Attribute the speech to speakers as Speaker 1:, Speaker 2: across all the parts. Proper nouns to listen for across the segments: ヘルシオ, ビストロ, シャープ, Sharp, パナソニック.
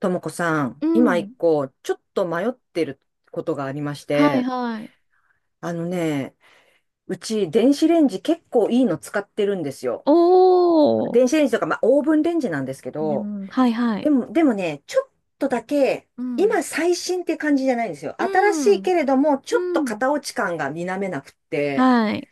Speaker 1: ともこさん、
Speaker 2: う
Speaker 1: 今一
Speaker 2: ん。
Speaker 1: 個、ちょっと迷ってることがありまし
Speaker 2: はい
Speaker 1: て、
Speaker 2: はい。
Speaker 1: あのね、うち電子レンジ結構いいの使ってるんですよ。
Speaker 2: おー。う
Speaker 1: 電子レンジとか、まあオーブンレンジなんですけど、
Speaker 2: ん。はいは
Speaker 1: で
Speaker 2: い。
Speaker 1: も、でもね、ちょっとだけ、
Speaker 2: うん。
Speaker 1: 今最新って感じじゃないんですよ。新
Speaker 2: う
Speaker 1: しい
Speaker 2: ん。
Speaker 1: けれども、ちょっと
Speaker 2: うん。
Speaker 1: 型落ち感が否めなくって、
Speaker 2: はい。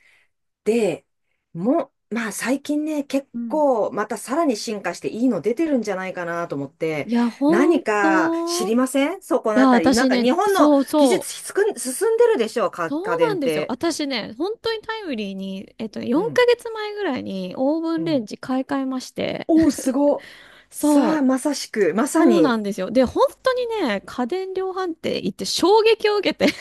Speaker 1: で、まあ最近ね、結
Speaker 2: うん。
Speaker 1: 構またさらに進化していいの出てるんじゃないかなと思って、
Speaker 2: いや、ほ
Speaker 1: 何
Speaker 2: ん
Speaker 1: か知
Speaker 2: と。い
Speaker 1: りませんそこの
Speaker 2: や、
Speaker 1: あたり？なん
Speaker 2: 私
Speaker 1: か
Speaker 2: ね、
Speaker 1: 日本の
Speaker 2: そう
Speaker 1: 技
Speaker 2: そ
Speaker 1: 術
Speaker 2: う。
Speaker 1: しつく進んでるでしょうか
Speaker 2: そ
Speaker 1: 家
Speaker 2: うな
Speaker 1: 電
Speaker 2: ん
Speaker 1: っ
Speaker 2: ですよ。
Speaker 1: て？
Speaker 2: 私ね、本当にタイムリーに、
Speaker 1: う
Speaker 2: 4
Speaker 1: ん、
Speaker 2: ヶ月前ぐらいにオーブ
Speaker 1: う
Speaker 2: ンレン
Speaker 1: ん。
Speaker 2: ジ買い替えまして。
Speaker 1: おー、すご。さあ、
Speaker 2: そう。
Speaker 1: まさしく、まさ
Speaker 2: そう
Speaker 1: に。
Speaker 2: なんですよ。で、本当にね、家電量販店行って衝撃を受けて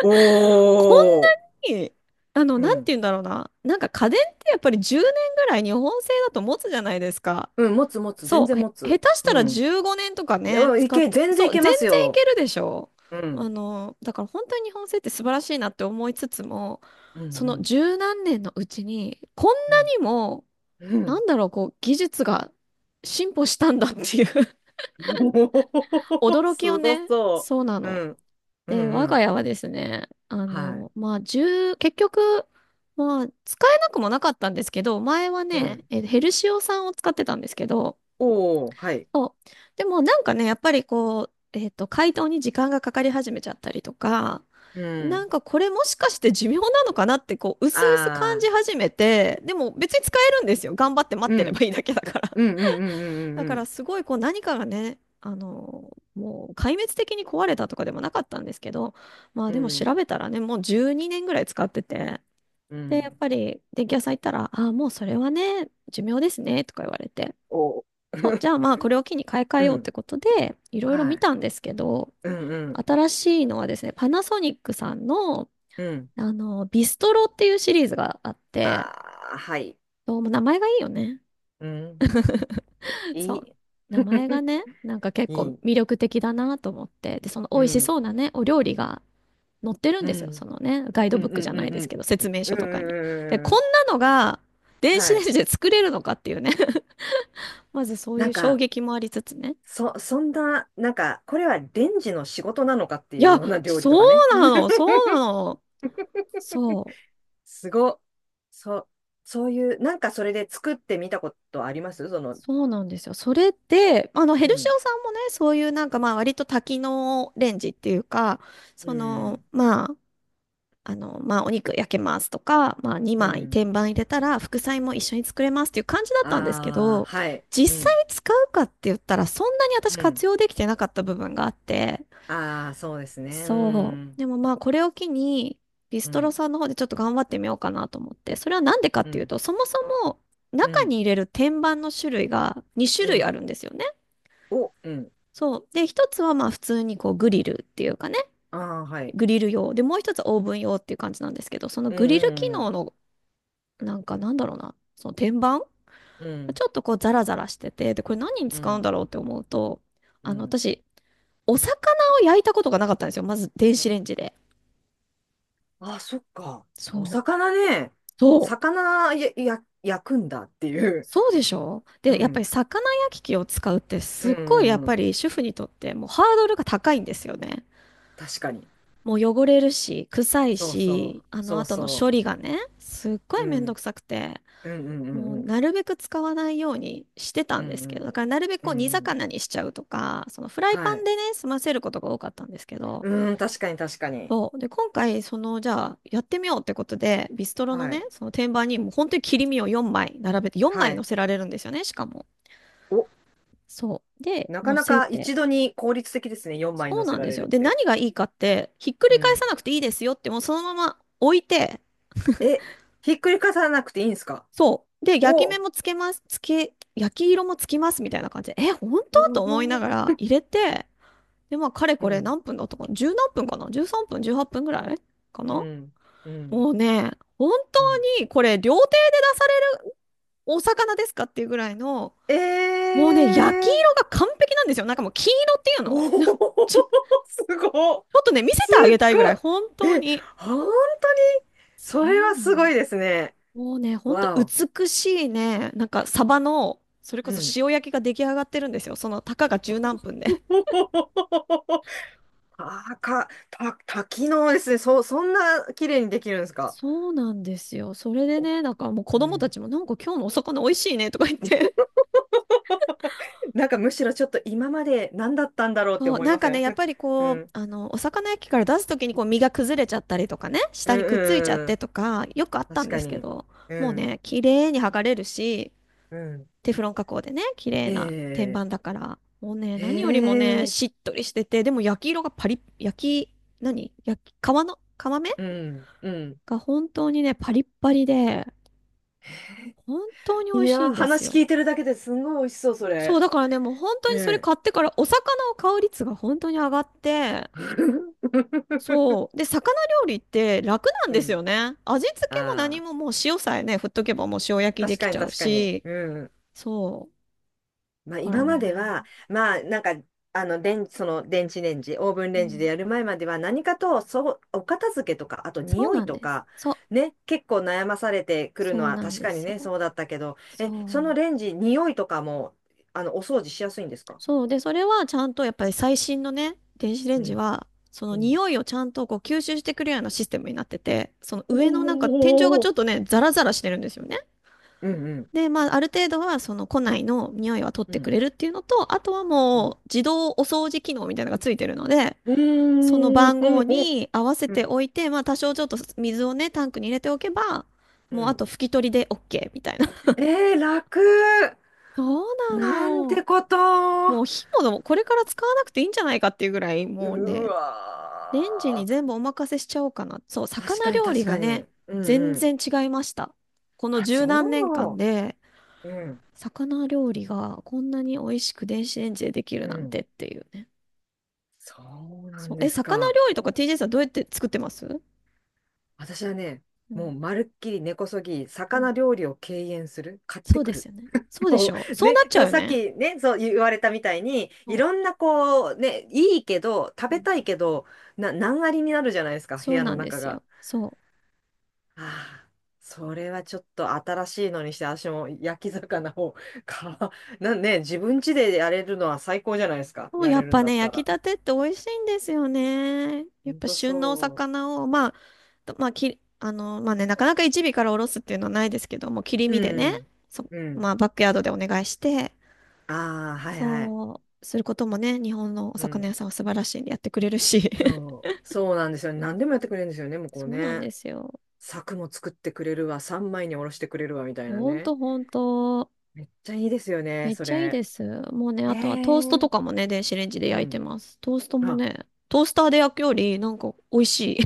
Speaker 1: お
Speaker 2: こ
Speaker 1: ー。
Speaker 2: んに、
Speaker 1: う
Speaker 2: なんて
Speaker 1: ん。
Speaker 2: 言うんだろうな。なんか家電ってやっぱり10年ぐらい日本製だと持つじゃないですか。
Speaker 1: うん、持つ持つ、全
Speaker 2: そう、
Speaker 1: 然持
Speaker 2: 下
Speaker 1: つ。
Speaker 2: 手し
Speaker 1: う
Speaker 2: たら
Speaker 1: ん。
Speaker 2: 15年とか
Speaker 1: で
Speaker 2: ね、
Speaker 1: も
Speaker 2: 使って。
Speaker 1: 全然
Speaker 2: そ
Speaker 1: い
Speaker 2: う、全
Speaker 1: け
Speaker 2: 然
Speaker 1: ます
Speaker 2: いけ
Speaker 1: よ。
Speaker 2: るでしょ？
Speaker 1: うん。
Speaker 2: だから本当に日本製って素晴らしいなって思いつつも、
Speaker 1: う
Speaker 2: そ
Speaker 1: ん、う
Speaker 2: の
Speaker 1: ん、
Speaker 2: 十何年のうちに、こん
Speaker 1: う
Speaker 2: な
Speaker 1: ん。
Speaker 2: にも、
Speaker 1: う
Speaker 2: な
Speaker 1: ん
Speaker 2: んだろう、こう、技術が進歩したんだっていう
Speaker 1: おお、
Speaker 2: 驚きを
Speaker 1: すご
Speaker 2: ね、
Speaker 1: そ
Speaker 2: そうな
Speaker 1: う。
Speaker 2: の。
Speaker 1: うん。う
Speaker 2: で、我
Speaker 1: んう
Speaker 2: が
Speaker 1: ん。
Speaker 2: 家はですね、
Speaker 1: はい。
Speaker 2: まあ、1結局、まあ、使えなくもなかったんですけど、前は
Speaker 1: う
Speaker 2: ね、
Speaker 1: ん。
Speaker 2: ヘルシオ酸を使ってたんですけど、
Speaker 1: おお、はい。
Speaker 2: そう。でもなんかね、やっぱりこう、解凍に時間がかかり始めちゃったりとか、
Speaker 1: う
Speaker 2: な
Speaker 1: ん。
Speaker 2: んかこれもしかして寿命なのかなって、こう、薄々感
Speaker 1: あ
Speaker 2: じ
Speaker 1: あ、
Speaker 2: 始めて、でも別に使えるんですよ。頑張って待っ
Speaker 1: う
Speaker 2: てれ
Speaker 1: ん。
Speaker 2: ばいいだけだから。
Speaker 1: うんうんう
Speaker 2: だ
Speaker 1: んう
Speaker 2: から
Speaker 1: ん
Speaker 2: すごいこう何かがね、もう壊滅的に壊れたとかでもなかったんですけど、まあ
Speaker 1: うん
Speaker 2: でも
Speaker 1: う
Speaker 2: 調
Speaker 1: ん。
Speaker 2: べたらね、もう12年ぐらい使ってて、
Speaker 1: うん。う
Speaker 2: で、やっ
Speaker 1: ん。
Speaker 2: ぱり電気屋さん行ったら、ああ、もうそれはね、寿命ですね、とか言われて、
Speaker 1: おお。
Speaker 2: そう、じゃあまあこれを機に買い替え
Speaker 1: う
Speaker 2: ようって
Speaker 1: ん。
Speaker 2: ことで、いろいろ
Speaker 1: は
Speaker 2: 見
Speaker 1: い。
Speaker 2: たんですけど、
Speaker 1: うんうん
Speaker 2: 新しいのはですね、パナソニックさんの、
Speaker 1: うん。
Speaker 2: ビストロっていうシリーズがあって、
Speaker 1: ああ、はい、
Speaker 2: どうも名前がいいよね。
Speaker 1: うん。
Speaker 2: そ
Speaker 1: い
Speaker 2: う。
Speaker 1: い。
Speaker 2: 名前が ね、なんか結
Speaker 1: い
Speaker 2: 構
Speaker 1: い。
Speaker 2: 魅力的だなと思って。で、その美
Speaker 1: う
Speaker 2: 味し
Speaker 1: ん。
Speaker 2: そうなね、お料理が載ってるん
Speaker 1: う
Speaker 2: ですよ。そ
Speaker 1: ん。
Speaker 2: のね、ガイド
Speaker 1: うん
Speaker 2: ブック
Speaker 1: う
Speaker 2: じゃ
Speaker 1: ん
Speaker 2: な
Speaker 1: う
Speaker 2: い
Speaker 1: ん
Speaker 2: で
Speaker 1: う
Speaker 2: すけ
Speaker 1: ん。
Speaker 2: ど、説明
Speaker 1: う
Speaker 2: 書
Speaker 1: んうん
Speaker 2: とかに。で、
Speaker 1: う
Speaker 2: こ
Speaker 1: んうん
Speaker 2: ん
Speaker 1: う
Speaker 2: なのが
Speaker 1: ん。
Speaker 2: 電子
Speaker 1: は
Speaker 2: レン
Speaker 1: い。
Speaker 2: ジで作れるのかっていうね。まずそうい
Speaker 1: な
Speaker 2: う
Speaker 1: ん
Speaker 2: 衝
Speaker 1: か、
Speaker 2: 撃もありつつね。
Speaker 1: そんな、なんか、これはレンジの仕事なのかって
Speaker 2: い
Speaker 1: いう
Speaker 2: や、
Speaker 1: ような料理
Speaker 2: そ
Speaker 1: とかね。
Speaker 2: うなの、そうなの。そう。
Speaker 1: すご。そう、そういう、なんかそれで作ってみたことあります？
Speaker 2: そうなんですよ。それで、ヘ
Speaker 1: う
Speaker 2: ルシ
Speaker 1: ん、
Speaker 2: オさんもね、そういうなんかまあ割と多機能レンジっていうか、
Speaker 1: う
Speaker 2: その、
Speaker 1: ん、
Speaker 2: まあ、まあ、お肉焼けますとか、まあ、
Speaker 1: う
Speaker 2: 2枚
Speaker 1: ん。
Speaker 2: 天板入れたら副菜も一緒に作れますっていう感じだったんですけ
Speaker 1: ああ、
Speaker 2: ど、
Speaker 1: はい、う
Speaker 2: 実
Speaker 1: ん、
Speaker 2: 際使うかって言ったらそんなに
Speaker 1: う
Speaker 2: 私
Speaker 1: ん。
Speaker 2: 活用できてなかった部分があって、
Speaker 1: ああ、そうですね。う
Speaker 2: そう。
Speaker 1: ん、
Speaker 2: でもまあ、これを機に、ビ
Speaker 1: う
Speaker 2: ストロ
Speaker 1: ん、
Speaker 2: さんの方でちょっと頑張ってみようかなと思って、それはなんでかっ
Speaker 1: う
Speaker 2: ていう
Speaker 1: ん、
Speaker 2: と、そもそも
Speaker 1: う
Speaker 2: 中に
Speaker 1: ん、
Speaker 2: 入れる天板の種類が2種
Speaker 1: う
Speaker 2: 類あ
Speaker 1: ん。
Speaker 2: るんですよね。
Speaker 1: お、うん。
Speaker 2: そう。で、一つはまあ普通にこうグリルっていうかね、
Speaker 1: ああ、はい。
Speaker 2: グリル用。で、もう一つはオーブン用っていう感じなんですけど、その
Speaker 1: う
Speaker 2: グリル機
Speaker 1: ん、うん、
Speaker 2: 能のなんかなんだろうな、その天板
Speaker 1: うん、
Speaker 2: ちょっとこうザラザラしてて、で、これ何に
Speaker 1: う
Speaker 2: 使うん
Speaker 1: ん、
Speaker 2: だろうって思うと、
Speaker 1: うん。
Speaker 2: 私、お魚を焼いたことがなかったんですよ。まず電子レンジで。
Speaker 1: ああ、そっか。お
Speaker 2: そう。
Speaker 1: 魚ね。
Speaker 2: そう。
Speaker 1: 魚焼くんだっていう。
Speaker 2: そうでしょ？
Speaker 1: う
Speaker 2: で、やっぱり
Speaker 1: ん、
Speaker 2: 魚焼き器を使うって
Speaker 1: う
Speaker 2: す
Speaker 1: ん、
Speaker 2: っごいや
Speaker 1: う
Speaker 2: っ
Speaker 1: ん、う
Speaker 2: ぱ
Speaker 1: ん。
Speaker 2: り主婦にとってもうハードルが高いんですよね。
Speaker 1: 確かに。
Speaker 2: もう汚れるし、臭い
Speaker 1: そうそ
Speaker 2: し、
Speaker 1: う、
Speaker 2: あの
Speaker 1: そう
Speaker 2: 後の処
Speaker 1: そ
Speaker 2: 理がね、すっご
Speaker 1: う。う
Speaker 2: いめんどく
Speaker 1: ん、
Speaker 2: さくて。
Speaker 1: うん、う
Speaker 2: も
Speaker 1: ん、
Speaker 2: う
Speaker 1: うん、
Speaker 2: なるべく使わないようにしてた
Speaker 1: う
Speaker 2: んで
Speaker 1: ん、う
Speaker 2: すけど、だ
Speaker 1: ん、
Speaker 2: からなるべく
Speaker 1: う
Speaker 2: こ
Speaker 1: ん、
Speaker 2: う煮
Speaker 1: うんうん。
Speaker 2: 魚にしちゃうとか、そのフライパ
Speaker 1: は
Speaker 2: ン
Speaker 1: い。
Speaker 2: でね、済ませることが多かったんですけど、
Speaker 1: うん、確かに、確かに。
Speaker 2: そう。で、今回、じゃあ、やってみようってことで、ビストロの
Speaker 1: は
Speaker 2: ね、
Speaker 1: い、
Speaker 2: その天板にもう本当に切り身を4枚並べて、4
Speaker 1: は
Speaker 2: 枚乗
Speaker 1: い。
Speaker 2: せられるんですよね、しかも。
Speaker 1: お、
Speaker 2: そう。で、
Speaker 1: なか
Speaker 2: 乗
Speaker 1: な
Speaker 2: せ
Speaker 1: か
Speaker 2: て。
Speaker 1: 一度に効率的ですね。4枚
Speaker 2: そう
Speaker 1: 乗せ
Speaker 2: なん
Speaker 1: ら
Speaker 2: で
Speaker 1: れ
Speaker 2: す
Speaker 1: るっ
Speaker 2: よ。で、
Speaker 1: て。
Speaker 2: 何がいいかって、ひっくり
Speaker 1: う
Speaker 2: 返さ
Speaker 1: ん。
Speaker 2: なくていいですよって、もうそのまま置いて、
Speaker 1: え、ひっくり返さなくていいんですか？
Speaker 2: そう。で、焼き
Speaker 1: お、
Speaker 2: 目
Speaker 1: お
Speaker 2: もつけます。焼き色もつきますみたいな感じで、え、本当？と思いな
Speaker 1: ー、
Speaker 2: がら入れて、で、まあ、かれ
Speaker 1: う
Speaker 2: これ
Speaker 1: ん、
Speaker 2: 何分だったかな？じゅう何分かな？ 13 分、18分ぐらいか
Speaker 1: う
Speaker 2: な？
Speaker 1: ん、うん、
Speaker 2: もうね、本
Speaker 1: う
Speaker 2: 当
Speaker 1: ん。
Speaker 2: にこれ料亭で出されるお魚ですかっていうぐらいの、
Speaker 1: え
Speaker 2: もうね、焼き色
Speaker 1: ー
Speaker 2: が完璧なんですよ。なんかもう黄色っていうの
Speaker 1: お
Speaker 2: なんか ち
Speaker 1: お、すごっ。
Speaker 2: ょっとね、見せて
Speaker 1: す
Speaker 2: あげ
Speaker 1: っ
Speaker 2: たいぐ
Speaker 1: ご
Speaker 2: らい、本
Speaker 1: い。
Speaker 2: 当
Speaker 1: え、
Speaker 2: に。
Speaker 1: 本当に
Speaker 2: そ
Speaker 1: それ
Speaker 2: う
Speaker 1: は
Speaker 2: な
Speaker 1: す
Speaker 2: の。
Speaker 1: ごいですね。
Speaker 2: もうね、ほんと
Speaker 1: わお。
Speaker 2: 美しいね、なんかサバの、それこ
Speaker 1: う
Speaker 2: そ
Speaker 1: ん。
Speaker 2: 塩焼きが出来上がってるんですよ。その、たかが十何分で。
Speaker 1: あー多機能ですね。そんな綺麗にできるんですか？
Speaker 2: そうなんですよ。それでね、なんかもう子
Speaker 1: う
Speaker 2: 供た
Speaker 1: ん。
Speaker 2: ちも、なんか今日のお魚美味しいねとか言って。
Speaker 1: なんかむしろちょっと今まで何だったんだろ うって
Speaker 2: そう、
Speaker 1: 思い
Speaker 2: なん
Speaker 1: ま
Speaker 2: か
Speaker 1: せ
Speaker 2: ね、
Speaker 1: ん？
Speaker 2: やっぱり
Speaker 1: う
Speaker 2: こう、
Speaker 1: ん。
Speaker 2: お魚焼きから出すときにこう身が崩れちゃったりとかね、
Speaker 1: う
Speaker 2: 下
Speaker 1: ん
Speaker 2: にくっついちゃっ
Speaker 1: うんう
Speaker 2: て
Speaker 1: ん。
Speaker 2: とか、よくあった
Speaker 1: 確
Speaker 2: んで
Speaker 1: か
Speaker 2: すけ
Speaker 1: に。
Speaker 2: ど、
Speaker 1: う
Speaker 2: もう
Speaker 1: ん。
Speaker 2: ね、綺麗に剥がれるし、
Speaker 1: うん。
Speaker 2: テフロン加工でね、綺麗な天
Speaker 1: ええ、
Speaker 2: 板だから、もうね、何よりもね、
Speaker 1: え
Speaker 2: し
Speaker 1: え、
Speaker 2: っとりしてて、でも焼き色がパリッ、焼き、何焼き、皮の、皮目
Speaker 1: うん。うん。
Speaker 2: が本当にね、パリッパリで、本当に美
Speaker 1: い
Speaker 2: 味しい
Speaker 1: やー、
Speaker 2: んです
Speaker 1: 話
Speaker 2: よ。
Speaker 1: 聞いてるだけですんごい美味しそう、そ
Speaker 2: そう、
Speaker 1: れ。
Speaker 2: だからね、もう本当にそ
Speaker 1: う
Speaker 2: れ
Speaker 1: ん。
Speaker 2: 買ってから、お魚を買う率が本当に上がって、そう。で、魚料理って楽なん
Speaker 1: う
Speaker 2: です
Speaker 1: ん。
Speaker 2: よね。味付けも何
Speaker 1: ああ、
Speaker 2: ももう塩さえね、振っとけばもう塩焼きで
Speaker 1: 確
Speaker 2: き
Speaker 1: か
Speaker 2: ち
Speaker 1: に、
Speaker 2: ゃう
Speaker 1: 確かに。
Speaker 2: し、
Speaker 1: うん。
Speaker 2: そう。
Speaker 1: まあ
Speaker 2: だから
Speaker 1: 今
Speaker 2: ね。
Speaker 1: までは、まあなんか、その電子レンジ、オーブン
Speaker 2: う
Speaker 1: レンジで
Speaker 2: ん。
Speaker 1: やる前までは何かと、そう、お片付けとか、あと
Speaker 2: そう
Speaker 1: 匂
Speaker 2: な
Speaker 1: い
Speaker 2: ん
Speaker 1: と
Speaker 2: です。
Speaker 1: か、
Speaker 2: そう。
Speaker 1: ね、結構悩まされてくるの
Speaker 2: そう
Speaker 1: は
Speaker 2: なん
Speaker 1: 確
Speaker 2: で
Speaker 1: かに
Speaker 2: す
Speaker 1: ね、
Speaker 2: よ。
Speaker 1: そうだったけど、え、
Speaker 2: そ
Speaker 1: その
Speaker 2: う。
Speaker 1: レンジ、匂いとかも、お掃除しやすいんですか？
Speaker 2: そう。で、それはちゃんとやっぱり最新のね、電子レン
Speaker 1: う
Speaker 2: ジ
Speaker 1: ん。
Speaker 2: は、その
Speaker 1: うん。
Speaker 2: 匂いをちゃんとこう吸収してくれるようなシステムになってて、その
Speaker 1: お
Speaker 2: 上のなんか天井がちょ
Speaker 1: ー、
Speaker 2: っとね、ザラザラしてるんですよね。
Speaker 1: うん、うん。
Speaker 2: で、まあ、ある程度はその庫内の匂いは取っ
Speaker 1: う
Speaker 2: てく
Speaker 1: ん。
Speaker 2: れるっていうのと、あとは
Speaker 1: う
Speaker 2: も
Speaker 1: ん。
Speaker 2: う自動お掃除機能みたいなのがついてるので、
Speaker 1: う
Speaker 2: その
Speaker 1: ーん、
Speaker 2: 番
Speaker 1: ほう
Speaker 2: 号
Speaker 1: ほう。
Speaker 2: に合わせ
Speaker 1: う
Speaker 2: て
Speaker 1: ん、
Speaker 2: おいて、まあ多少ちょっと水をね、タンクに入れておけば、
Speaker 1: う
Speaker 2: もうあ
Speaker 1: ん。
Speaker 2: と拭き取りで OK みたいな。
Speaker 1: えー、楽。
Speaker 2: そうな
Speaker 1: なんて
Speaker 2: の。
Speaker 1: こと。
Speaker 2: もう火もこれから使わなくていいんじゃないかっていうぐらい、
Speaker 1: う
Speaker 2: もうね、レンジに
Speaker 1: わ
Speaker 2: 全部お任せしちゃおうかな。そう、
Speaker 1: ー。確
Speaker 2: 魚
Speaker 1: かに、
Speaker 2: 料理
Speaker 1: 確
Speaker 2: が
Speaker 1: かに。
Speaker 2: ね、
Speaker 1: うん、
Speaker 2: 全
Speaker 1: うん。
Speaker 2: 然違いました。この
Speaker 1: あ、
Speaker 2: 十何年間
Speaker 1: そ
Speaker 2: で、
Speaker 1: う。うん、
Speaker 2: 魚料理がこんなに美味しく電子レンジでできる
Speaker 1: う
Speaker 2: なん
Speaker 1: ん。
Speaker 2: てっていうね。
Speaker 1: そうな
Speaker 2: そう、
Speaker 1: んで
Speaker 2: え、
Speaker 1: す
Speaker 2: 魚
Speaker 1: か。
Speaker 2: 料理とか TJ さんどうやって作ってます？
Speaker 1: 私はね、
Speaker 2: う
Speaker 1: も
Speaker 2: ん、
Speaker 1: うまるっきり根こそぎ、
Speaker 2: うん。
Speaker 1: 魚料理を敬遠する。買っ
Speaker 2: そ
Speaker 1: て
Speaker 2: うで
Speaker 1: く
Speaker 2: す
Speaker 1: る。
Speaker 2: よね。そうでし
Speaker 1: も
Speaker 2: ょ？
Speaker 1: う、
Speaker 2: そう
Speaker 1: ね、
Speaker 2: なっちゃ
Speaker 1: そ
Speaker 2: う
Speaker 1: う、
Speaker 2: よ
Speaker 1: さっ
Speaker 2: ね。
Speaker 1: きね、そう言われたみたいに、い
Speaker 2: そ
Speaker 1: ろんなこう、ね、いいけど、食
Speaker 2: う。う
Speaker 1: べ
Speaker 2: ん、
Speaker 1: たいけど、難ありになるじゃないですか、部
Speaker 2: そう
Speaker 1: 屋
Speaker 2: な
Speaker 1: の
Speaker 2: んで
Speaker 1: 中
Speaker 2: す
Speaker 1: が。
Speaker 2: よ。そう。
Speaker 1: ああ、それはちょっと新しいのにして、私も焼き魚を か、なんね、自分家でやれるのは最高じゃないですか。
Speaker 2: もう
Speaker 1: や
Speaker 2: や
Speaker 1: れ
Speaker 2: っ
Speaker 1: るん
Speaker 2: ぱ
Speaker 1: だっ
Speaker 2: ね、
Speaker 1: た
Speaker 2: 焼き
Speaker 1: ら。
Speaker 2: たてって美味しいんですよね。
Speaker 1: ほ
Speaker 2: やっ
Speaker 1: ん
Speaker 2: ぱ
Speaker 1: と
Speaker 2: 旬のお
Speaker 1: そ
Speaker 2: 魚を、まあ、とまあ、き、あの、まあね、なかなか一尾からおろすっていうのはないですけども、切り
Speaker 1: う。
Speaker 2: 身で
Speaker 1: う
Speaker 2: ね、
Speaker 1: ん。う
Speaker 2: ま
Speaker 1: ん。
Speaker 2: あ、バックヤードでお願いして、
Speaker 1: ああ、はいはい。
Speaker 2: そう、することもね、日本のお
Speaker 1: う
Speaker 2: 魚屋
Speaker 1: ん。
Speaker 2: さんは素晴らしいんでやってくれるし。
Speaker 1: そう。そうなんですよね。何でもやってくれるんですよね、向こう
Speaker 2: そうなん
Speaker 1: ね。
Speaker 2: ですよ。
Speaker 1: 柵も作ってくれるわ、三枚におろしてくれるわ、みたいな
Speaker 2: ほん
Speaker 1: ね。
Speaker 2: とほんと。
Speaker 1: めっちゃいいですよね、
Speaker 2: めっ
Speaker 1: そ
Speaker 2: ちゃいい
Speaker 1: れ。
Speaker 2: です。もうね、
Speaker 1: え
Speaker 2: あとはトーストと
Speaker 1: え、
Speaker 2: かもね、電子レンジで
Speaker 1: う
Speaker 2: 焼いて
Speaker 1: ん。
Speaker 2: ます。トーストも
Speaker 1: あ、
Speaker 2: ね、トースターで焼くより、なんか美味しい。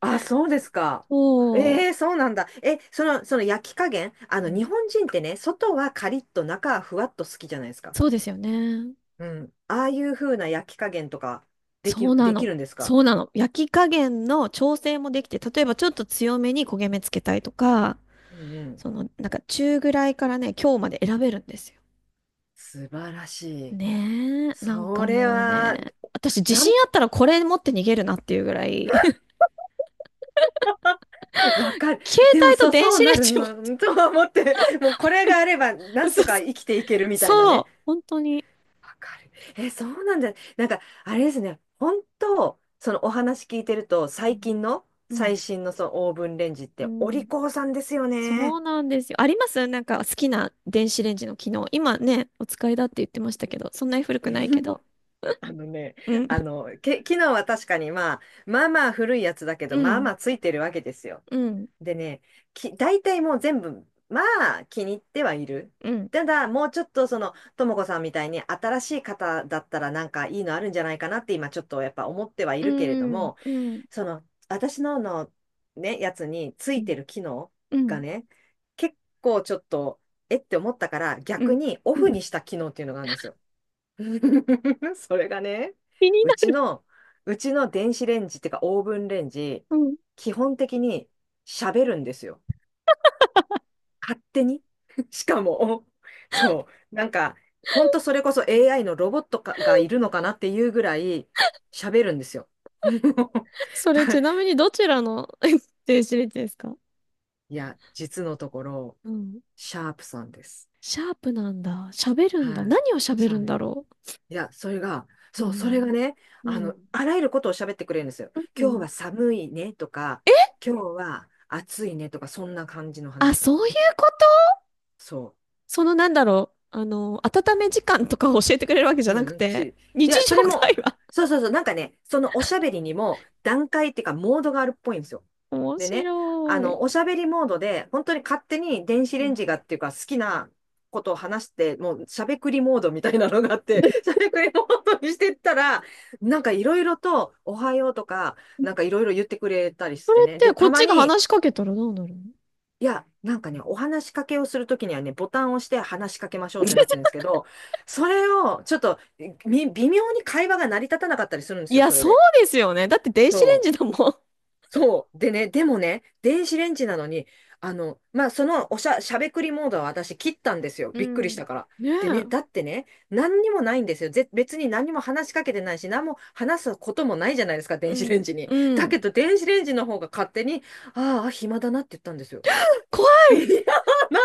Speaker 1: あ、そうですか。
Speaker 2: そ
Speaker 1: ええ、そうなんだ。え、その焼き加減、
Speaker 2: う。う
Speaker 1: 日
Speaker 2: ん
Speaker 1: 本人ってね、外はカリッと中はふわっと好きじゃないですか。
Speaker 2: そうですよね。
Speaker 1: うん。ああいう風な焼き加減とか、
Speaker 2: そうな
Speaker 1: でき
Speaker 2: の。
Speaker 1: るんですか？
Speaker 2: そうなの。焼き加減の調整もできて、例えばちょっと強めに焦げ目つけたいとか、
Speaker 1: うん、うん。
Speaker 2: なんか中ぐらいからね、今日まで選べるんですよ。
Speaker 1: 素晴らしい。
Speaker 2: ねえ、なん
Speaker 1: そ
Speaker 2: か
Speaker 1: れ
Speaker 2: もう
Speaker 1: は、
Speaker 2: ね、私自
Speaker 1: な
Speaker 2: 信
Speaker 1: ん、
Speaker 2: あったらこれ持って逃げるなっていうぐらい、
Speaker 1: わかる。
Speaker 2: 携
Speaker 1: でも、
Speaker 2: 帯
Speaker 1: そ
Speaker 2: と
Speaker 1: う、
Speaker 2: 電
Speaker 1: そ
Speaker 2: 子
Speaker 1: う
Speaker 2: レ
Speaker 1: な
Speaker 2: ン
Speaker 1: る
Speaker 2: ジも
Speaker 1: の、とは思って、もうこれがあれば、な
Speaker 2: 嘘
Speaker 1: んとか
Speaker 2: 嘘
Speaker 1: 生きていけるみたいな
Speaker 2: そ
Speaker 1: ね。
Speaker 2: う、本当に。
Speaker 1: わかる。え、そうなんだ。なんか、あれですね。本当、そのお話聞いてると、
Speaker 2: う
Speaker 1: 最
Speaker 2: ん
Speaker 1: 近の、
Speaker 2: うん、
Speaker 1: 最新のそのオーブンレンジっ
Speaker 2: う
Speaker 1: て、お利
Speaker 2: ん
Speaker 1: 口さんですよ
Speaker 2: そ
Speaker 1: ね。
Speaker 2: うなんですよ。ありますなんか好きな電子レンジの機能。今ね、お使いだって言ってましたけど、そんなに古 くない
Speaker 1: う
Speaker 2: け
Speaker 1: ん
Speaker 2: ど。
Speaker 1: あのね、
Speaker 2: うん
Speaker 1: 機能は確かにまあ、まあまあ古いやつだけ
Speaker 2: う
Speaker 1: ど、まあま
Speaker 2: ん、
Speaker 1: あついてるわけですよ。
Speaker 2: うん、
Speaker 1: でね、大体もう全部、まあ気に入ってはいる。
Speaker 2: うん、
Speaker 1: ただ、もうちょっとともこさんみたいに新しい方だったらなんかいいのあるんじゃないかなって今ちょっとやっぱ思ってはい
Speaker 2: う
Speaker 1: るけれど
Speaker 2: ん、
Speaker 1: も、
Speaker 2: うん、うん、
Speaker 1: その、私のね、やつについてる機能
Speaker 2: う
Speaker 1: が
Speaker 2: ん、
Speaker 1: ね、結構ちょっと、えって思ったから、
Speaker 2: う
Speaker 1: 逆
Speaker 2: ん。
Speaker 1: にオフ にした機能っていうのがあるんですよ。それがね、
Speaker 2: 気に
Speaker 1: う
Speaker 2: な
Speaker 1: ち
Speaker 2: る。
Speaker 1: の、うちの電子レンジっていうかオーブンレンジ、
Speaker 2: うん。
Speaker 1: 基本的に喋るんですよ。勝手に。しかも、そう、なんか、ほんとそれこそ AI のロボットかがいるのかなっていうぐらい喋るんですよ。
Speaker 2: そ れち
Speaker 1: だ
Speaker 2: なみにどちらの 電子レンジですか？
Speaker 1: いや、実のところ、
Speaker 2: うん。
Speaker 1: シャープさんです。
Speaker 2: シャープなんだ。喋るんだ。
Speaker 1: はい。
Speaker 2: 何を喋
Speaker 1: シャ
Speaker 2: る
Speaker 1: ー
Speaker 2: ん
Speaker 1: プ。
Speaker 2: だろ
Speaker 1: いや、それが、
Speaker 2: う。う
Speaker 1: そう、それが
Speaker 2: ん。
Speaker 1: ね、
Speaker 2: うん。
Speaker 1: あらゆることを喋ってくれるんですよ。
Speaker 2: う
Speaker 1: 今日
Speaker 2: ん。
Speaker 1: は寒いねとか、今日は暑いねとか、そんな感じの
Speaker 2: あ、
Speaker 1: 話と
Speaker 2: そ
Speaker 1: か。
Speaker 2: ういうこと？
Speaker 1: そう。
Speaker 2: なんだろう。温め時間とかを教えてくれるわけじゃなく
Speaker 1: うん、つ
Speaker 2: て、
Speaker 1: い。い
Speaker 2: 日
Speaker 1: や、
Speaker 2: 常
Speaker 1: それも、
Speaker 2: 会話。
Speaker 1: そうそうそう、なんかね、そのおしゃべりにも段階っていうか、モードがあるっぽいんですよ。
Speaker 2: 面
Speaker 1: でね、
Speaker 2: 白い。
Speaker 1: おしゃべりモードで、本当に勝手に電子
Speaker 2: う
Speaker 1: レン
Speaker 2: ん。
Speaker 1: ジがっていうか、好きなことを話して、もうしゃべくりモードみたいなのがあって、しゃ べくりモードにしてったら、なんかいろいろと、おはようとか、なんかいろいろ言ってくれたり
Speaker 2: そ
Speaker 1: し
Speaker 2: れ
Speaker 1: て
Speaker 2: っ
Speaker 1: ね。
Speaker 2: て
Speaker 1: で、
Speaker 2: こっ
Speaker 1: たま
Speaker 2: ちが
Speaker 1: に、
Speaker 2: 話しかけたらどうなるの？
Speaker 1: いや、なんかね、お話しかけをするときにはね、ボタンを押して話しかけましょうってなってるんで すけど、それをちょっと微妙に会話が成り立たなかったりするんで
Speaker 2: い
Speaker 1: すよ、
Speaker 2: や、
Speaker 1: それ
Speaker 2: そう
Speaker 1: で。
Speaker 2: ですよね。だって電子レ
Speaker 1: そ
Speaker 2: ンジだ
Speaker 1: う。
Speaker 2: もん。
Speaker 1: そう。でね、でもね、電子レンジなのに、まあ、そのおしゃ、しゃべくりモードは私切ったんですよ。
Speaker 2: う
Speaker 1: びっくりし
Speaker 2: ん。
Speaker 1: たから。
Speaker 2: ね
Speaker 1: でね、だ
Speaker 2: え。
Speaker 1: ってね、何にもないんですよ。別に何にも話しかけてないし、何も話すこともないじゃないですか、
Speaker 2: う
Speaker 1: 電子レン
Speaker 2: ん。
Speaker 1: ジに。
Speaker 2: う
Speaker 1: だ
Speaker 2: ん。
Speaker 1: けど、電子レンジの方が勝手に、ああ、暇だなって言ったんですよ。
Speaker 2: 怖
Speaker 1: いや、
Speaker 2: い。
Speaker 1: な、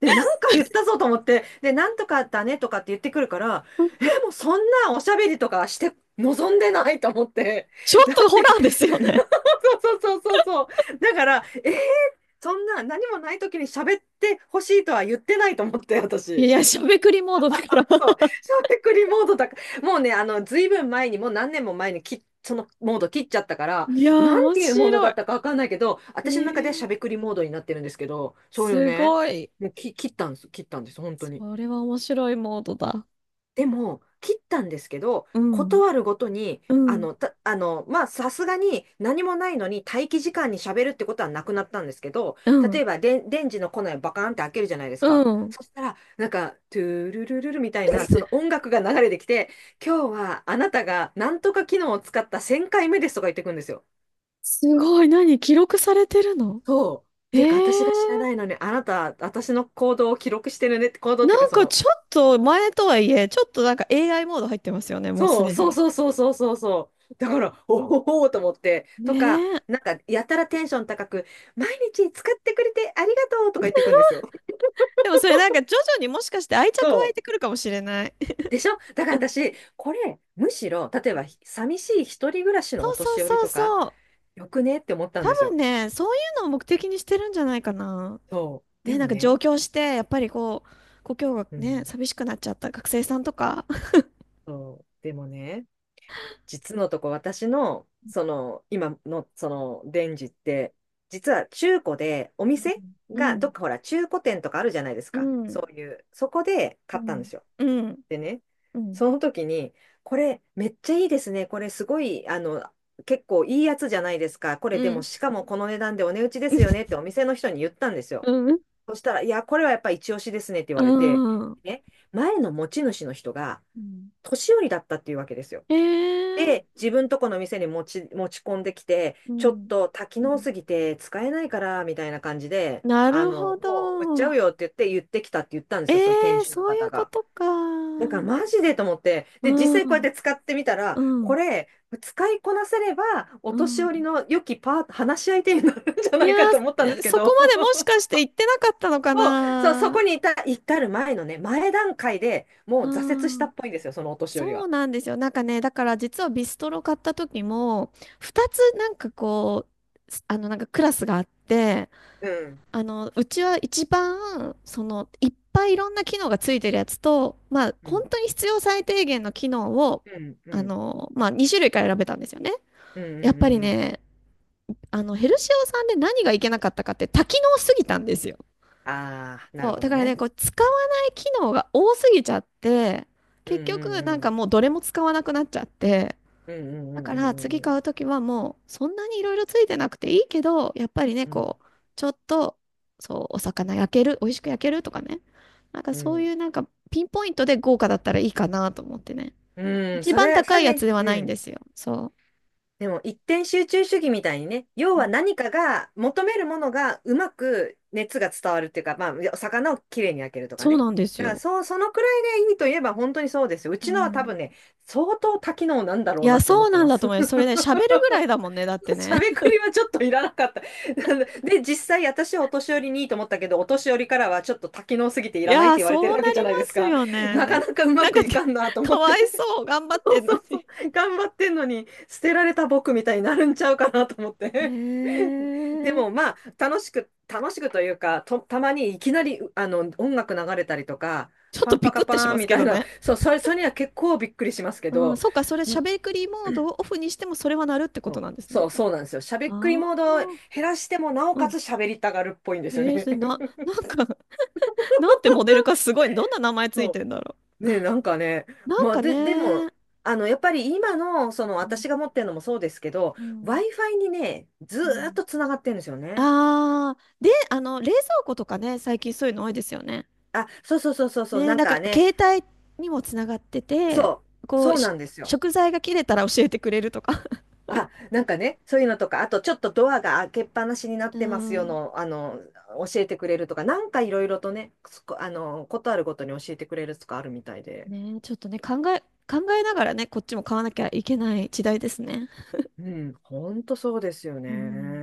Speaker 1: で、なんか言ったぞと思って、で、なんとかだねとかって言ってくるから、え、もうそんなおしゃべりとかして望んでないと思って、
Speaker 2: ちょっ
Speaker 1: だ
Speaker 2: と
Speaker 1: っ
Speaker 2: ホラ
Speaker 1: て、
Speaker 2: ーですよね。
Speaker 1: そうそうそうそうそう、だから、そんな何もない時に喋ってほしいとは言ってないと思って、
Speaker 2: い
Speaker 1: 私。
Speaker 2: や、しゃべくりモードだから。
Speaker 1: そう、小テクリモードだから、もうね、ずいぶん前に、もう何年も前にそのモード切っちゃったから、
Speaker 2: いやー、
Speaker 1: なん
Speaker 2: 面
Speaker 1: ていうモード
Speaker 2: 白
Speaker 1: だ
Speaker 2: い。
Speaker 1: ったかわかんないけど、
Speaker 2: え
Speaker 1: 私の中ではし
Speaker 2: ー、
Speaker 1: ゃべくりモードになってるんですけど、それを
Speaker 2: す
Speaker 1: ね、
Speaker 2: ごい。
Speaker 1: もうき、切ったんです、本当に。
Speaker 2: それは面白いモードだ。
Speaker 1: でも、切ったんですけど、
Speaker 2: うん、
Speaker 1: 断るごとに、
Speaker 2: うん、
Speaker 1: まあ、さすがに何もないのに待機時間に喋るってことはなくなったんですけど、
Speaker 2: う
Speaker 1: 例
Speaker 2: ん、
Speaker 1: えばで、電池のコネをバカーンって開けるじゃないです
Speaker 2: う
Speaker 1: か。
Speaker 2: ん。
Speaker 1: そしたら、なんか、トゥルルルルみたいな、その音楽が流れてきて、今日はあなたがなんとか機能を使った1000回目ですとか言ってくるんですよ。
Speaker 2: すごい。何記録されてるの？
Speaker 1: そう。っ
Speaker 2: え
Speaker 1: ていうか、私が知ら
Speaker 2: ー、
Speaker 1: ないのに、あなた、私の行動を記録してるね行動っていう
Speaker 2: な
Speaker 1: か、
Speaker 2: ん
Speaker 1: そ
Speaker 2: か
Speaker 1: の、
Speaker 2: ちょっと前とはいえ、ちょっとなんか AI モード入ってますよね、もうす
Speaker 1: そう、
Speaker 2: で
Speaker 1: そう
Speaker 2: に。
Speaker 1: そうそうそうそうそう。だから、おおと思って、とか、
Speaker 2: ねえ。
Speaker 1: なんか、やたらテンション高く、毎日使ってくれてありがとうとか言ってくんですよ。
Speaker 2: でもそれなんか徐々にもしかして愛着 湧い
Speaker 1: そ
Speaker 2: てくるかもしれない。
Speaker 1: う。でしょだから
Speaker 2: うん
Speaker 1: 私、これ、むしろ、例えば、寂しい一人暮らし
Speaker 2: そ
Speaker 1: のお
Speaker 2: うそう
Speaker 1: 年寄り
Speaker 2: そう
Speaker 1: とか、
Speaker 2: そう。
Speaker 1: よくねって思ったん
Speaker 2: 多
Speaker 1: です
Speaker 2: 分
Speaker 1: よ。
Speaker 2: ね、そういうのを目的にしてるんじゃないかな。
Speaker 1: そう。で
Speaker 2: ね、なん
Speaker 1: も
Speaker 2: か
Speaker 1: ね、
Speaker 2: 上京して、やっぱりこう、故郷が
Speaker 1: う
Speaker 2: ね、
Speaker 1: ん。
Speaker 2: 寂しくなっちゃった学生さんとか。
Speaker 1: そう。でもね、実のとこ私の、その、今のその、デンジって、実は中古でお店
Speaker 2: う
Speaker 1: が、ど
Speaker 2: ん、
Speaker 1: っかほら、中古店とかあるじゃないです
Speaker 2: う
Speaker 1: か。
Speaker 2: ん、うん、
Speaker 1: そういう、そこで
Speaker 2: う
Speaker 1: 買ったんで
Speaker 2: ん、
Speaker 1: すよ。
Speaker 2: うん、
Speaker 1: でね、
Speaker 2: うん、
Speaker 1: その時に、これめっちゃいいですね。これすごい、結構いいやつじゃないですか。こ
Speaker 2: う
Speaker 1: れで
Speaker 2: ん、う
Speaker 1: も、
Speaker 2: ん。
Speaker 1: しかもこの値段でお値打ちですよねって お店の人に言ったんですよ。そしたら、いや、これはやっぱ一押しですねって言われて、ね、前の持ち主の人が年寄りだったっていうわけですよ。
Speaker 2: えー、
Speaker 1: で、自分とこの店に持ち込んできて、
Speaker 2: う
Speaker 1: ちょっ
Speaker 2: ん、
Speaker 1: と多機
Speaker 2: う
Speaker 1: 能
Speaker 2: ん。
Speaker 1: すぎて使えないから、みたいな感じで、
Speaker 2: な
Speaker 1: あ
Speaker 2: るほ
Speaker 1: の、もう売っちゃう
Speaker 2: ど。
Speaker 1: よって言って言ってきたって言ったんで
Speaker 2: え
Speaker 1: すよ、その店
Speaker 2: ー、
Speaker 1: 主の
Speaker 2: そうい
Speaker 1: 方
Speaker 2: うこ
Speaker 1: が。
Speaker 2: とか。
Speaker 1: だか
Speaker 2: う
Speaker 1: ら
Speaker 2: ん、
Speaker 1: マジでと思って、
Speaker 2: う
Speaker 1: で、実際こうやって使ってみたら、こ
Speaker 2: ん、
Speaker 1: れ、使いこなせれば、お
Speaker 2: う
Speaker 1: 年寄り
Speaker 2: ん。
Speaker 1: の良きパート、話し相手になるんじゃ
Speaker 2: い
Speaker 1: な
Speaker 2: や
Speaker 1: いかと思ったんです
Speaker 2: ー、
Speaker 1: け
Speaker 2: そこ
Speaker 1: ど、
Speaker 2: までもしかして 言ってなかったのか
Speaker 1: そそうそ
Speaker 2: な。
Speaker 1: こに至る前のね、前段階でもう挫折した
Speaker 2: はあ、
Speaker 1: っぽいんですよ、そのお年寄り
Speaker 2: そう
Speaker 1: は。
Speaker 2: なんですよ。なんかね、だから実はビストロ買った時も、2つなんかこう、すあのなんかクラスがあって、
Speaker 1: うん。
Speaker 2: うちは一番、いっぱいいろんな機能がついてるやつと、まあ、
Speaker 1: う
Speaker 2: 本
Speaker 1: ん。
Speaker 2: 当に必要最低限の機能を、
Speaker 1: うん。うん。
Speaker 2: まあ、2種類から選べたんですよね。
Speaker 1: うん。う
Speaker 2: やっ
Speaker 1: ん。う
Speaker 2: ぱり
Speaker 1: ん。うん
Speaker 2: ね、ヘルシオさんで何がいけなかったかって多機能すぎたんですよ。
Speaker 1: ああ、なる
Speaker 2: そう、
Speaker 1: ほ
Speaker 2: だ
Speaker 1: ど
Speaker 2: からね、
Speaker 1: ね。
Speaker 2: こう、使わない機能が多すぎちゃって、
Speaker 1: うん
Speaker 2: 結
Speaker 1: うん
Speaker 2: 局、なん
Speaker 1: う
Speaker 2: か
Speaker 1: ん。
Speaker 2: もうどれも使わなくなっちゃって、
Speaker 1: うんうんう
Speaker 2: だ
Speaker 1: ん
Speaker 2: から
Speaker 1: うん
Speaker 2: 次
Speaker 1: う
Speaker 2: 買
Speaker 1: ん
Speaker 2: うときはもう、そんなにいろいろついてなくていいけど、やっぱりね、
Speaker 1: うん。
Speaker 2: こう、ちょっと、そう、お魚焼ける、美味しく焼けるとかね。なんか
Speaker 1: う
Speaker 2: そう
Speaker 1: ん。
Speaker 2: いうなんか、ピンポイントで豪華だったらいいかなと思ってね。
Speaker 1: うん、
Speaker 2: 一
Speaker 1: そ
Speaker 2: 番
Speaker 1: れ、そ
Speaker 2: 高い
Speaker 1: れ
Speaker 2: やつ
Speaker 1: ね。
Speaker 2: ではな
Speaker 1: う
Speaker 2: いんで
Speaker 1: ん。
Speaker 2: すよ。そ
Speaker 1: でも一点集中主義みたいにね、要
Speaker 2: う。う
Speaker 1: は
Speaker 2: ん
Speaker 1: 何かが求めるものがうまく熱が伝わるっていうか、まあ、魚をきれいに焼けるとか
Speaker 2: そう
Speaker 1: ね。
Speaker 2: なんです
Speaker 1: だから
Speaker 2: よ。
Speaker 1: そう、そのくらいでいいといえば本当にそうですよ。う
Speaker 2: う
Speaker 1: ちのは多
Speaker 2: ん。
Speaker 1: 分ね、相当多機能なんだ
Speaker 2: い
Speaker 1: ろうな
Speaker 2: や、
Speaker 1: って思
Speaker 2: そ
Speaker 1: っ
Speaker 2: う
Speaker 1: て
Speaker 2: なん
Speaker 1: ま
Speaker 2: だと
Speaker 1: す。
Speaker 2: 思います。それね、喋るぐらいだもんね、だって
Speaker 1: し
Speaker 2: ね。
Speaker 1: ゃべくりはちょっといらなかった。で、実際私はお年寄りにいいと思ったけど、お年寄りからはちょっと多機能すぎてい
Speaker 2: い
Speaker 1: らないっ
Speaker 2: や
Speaker 1: て
Speaker 2: ー、
Speaker 1: 言われて
Speaker 2: そ
Speaker 1: る
Speaker 2: う
Speaker 1: わ
Speaker 2: な
Speaker 1: けじゃ
Speaker 2: り
Speaker 1: な
Speaker 2: ま
Speaker 1: いです
Speaker 2: す
Speaker 1: か。
Speaker 2: よ
Speaker 1: なか
Speaker 2: ね。
Speaker 1: なかうま
Speaker 2: なん
Speaker 1: く
Speaker 2: か
Speaker 1: い
Speaker 2: ね、
Speaker 1: かんなと 思
Speaker 2: か
Speaker 1: っ
Speaker 2: わ
Speaker 1: て。
Speaker 2: いそう、頑 張
Speaker 1: そ
Speaker 2: って
Speaker 1: う
Speaker 2: んの
Speaker 1: そうそう。
Speaker 2: に。
Speaker 1: 頑張ってんのに、捨てられた僕みたいになるんちゃうかなと思っ
Speaker 2: へ
Speaker 1: て。で
Speaker 2: え。
Speaker 1: もまあ、楽しくというか、と、たまにいきなり、音楽流れたりとか、
Speaker 2: ちょっ
Speaker 1: パ
Speaker 2: と
Speaker 1: ンパ
Speaker 2: ビク
Speaker 1: カ
Speaker 2: ってし
Speaker 1: パー
Speaker 2: ま
Speaker 1: ン
Speaker 2: す
Speaker 1: み
Speaker 2: け
Speaker 1: たい
Speaker 2: ど
Speaker 1: な、
Speaker 2: ね。
Speaker 1: そう、それには結構びっくりしますけ
Speaker 2: うん、
Speaker 1: ど、
Speaker 2: そうか、それ、しゃべくりモードをオフにしても、それはなるってこ
Speaker 1: そ
Speaker 2: と
Speaker 1: う、
Speaker 2: なんですね。
Speaker 1: そうそうなんですよ。しゃべ
Speaker 2: あ
Speaker 1: っくり
Speaker 2: あ、
Speaker 1: モードを減らしても、なお
Speaker 2: う
Speaker 1: かつ
Speaker 2: ん。
Speaker 1: 喋りたがるっぽいんで
Speaker 2: え
Speaker 1: すよ
Speaker 2: ー、
Speaker 1: ね。
Speaker 2: それな、なんか なんてモデルかすごい、どんな名前ついて
Speaker 1: そ
Speaker 2: んだろ
Speaker 1: う。ね、なんかね、
Speaker 2: う。なんか
Speaker 1: でも、
Speaker 2: ね、
Speaker 1: あの、やっぱり今の、その、
Speaker 2: うん
Speaker 1: 私が持ってるのもそうですけど、
Speaker 2: うん
Speaker 1: Wi-Fi にね、ず
Speaker 2: う
Speaker 1: ーっ
Speaker 2: ん
Speaker 1: とつながってるんですよね。
Speaker 2: ああー、で、冷蔵庫とかね、最近そういうの多いですよね。
Speaker 1: あ、そう、
Speaker 2: ね、
Speaker 1: なん
Speaker 2: なんか
Speaker 1: かね、
Speaker 2: 携帯にもつながってて、
Speaker 1: そう、
Speaker 2: こう、
Speaker 1: そうなんですよ。
Speaker 2: 食材が切れたら教えてくれるとか。
Speaker 1: あ、なんかね、そういうのとか、あとちょっとドアが開けっぱなしになっ
Speaker 2: う
Speaker 1: てますよ
Speaker 2: ん。
Speaker 1: の、教えてくれるとか、なんかいろいろとね、すこあの、ことあるごとに教えてくれるとかあるみたいで。
Speaker 2: ね、ちょっとね、考えながらね、こっちも買わなきゃいけない時代ですね。
Speaker 1: うん、本当そうですよね。
Speaker 2: うん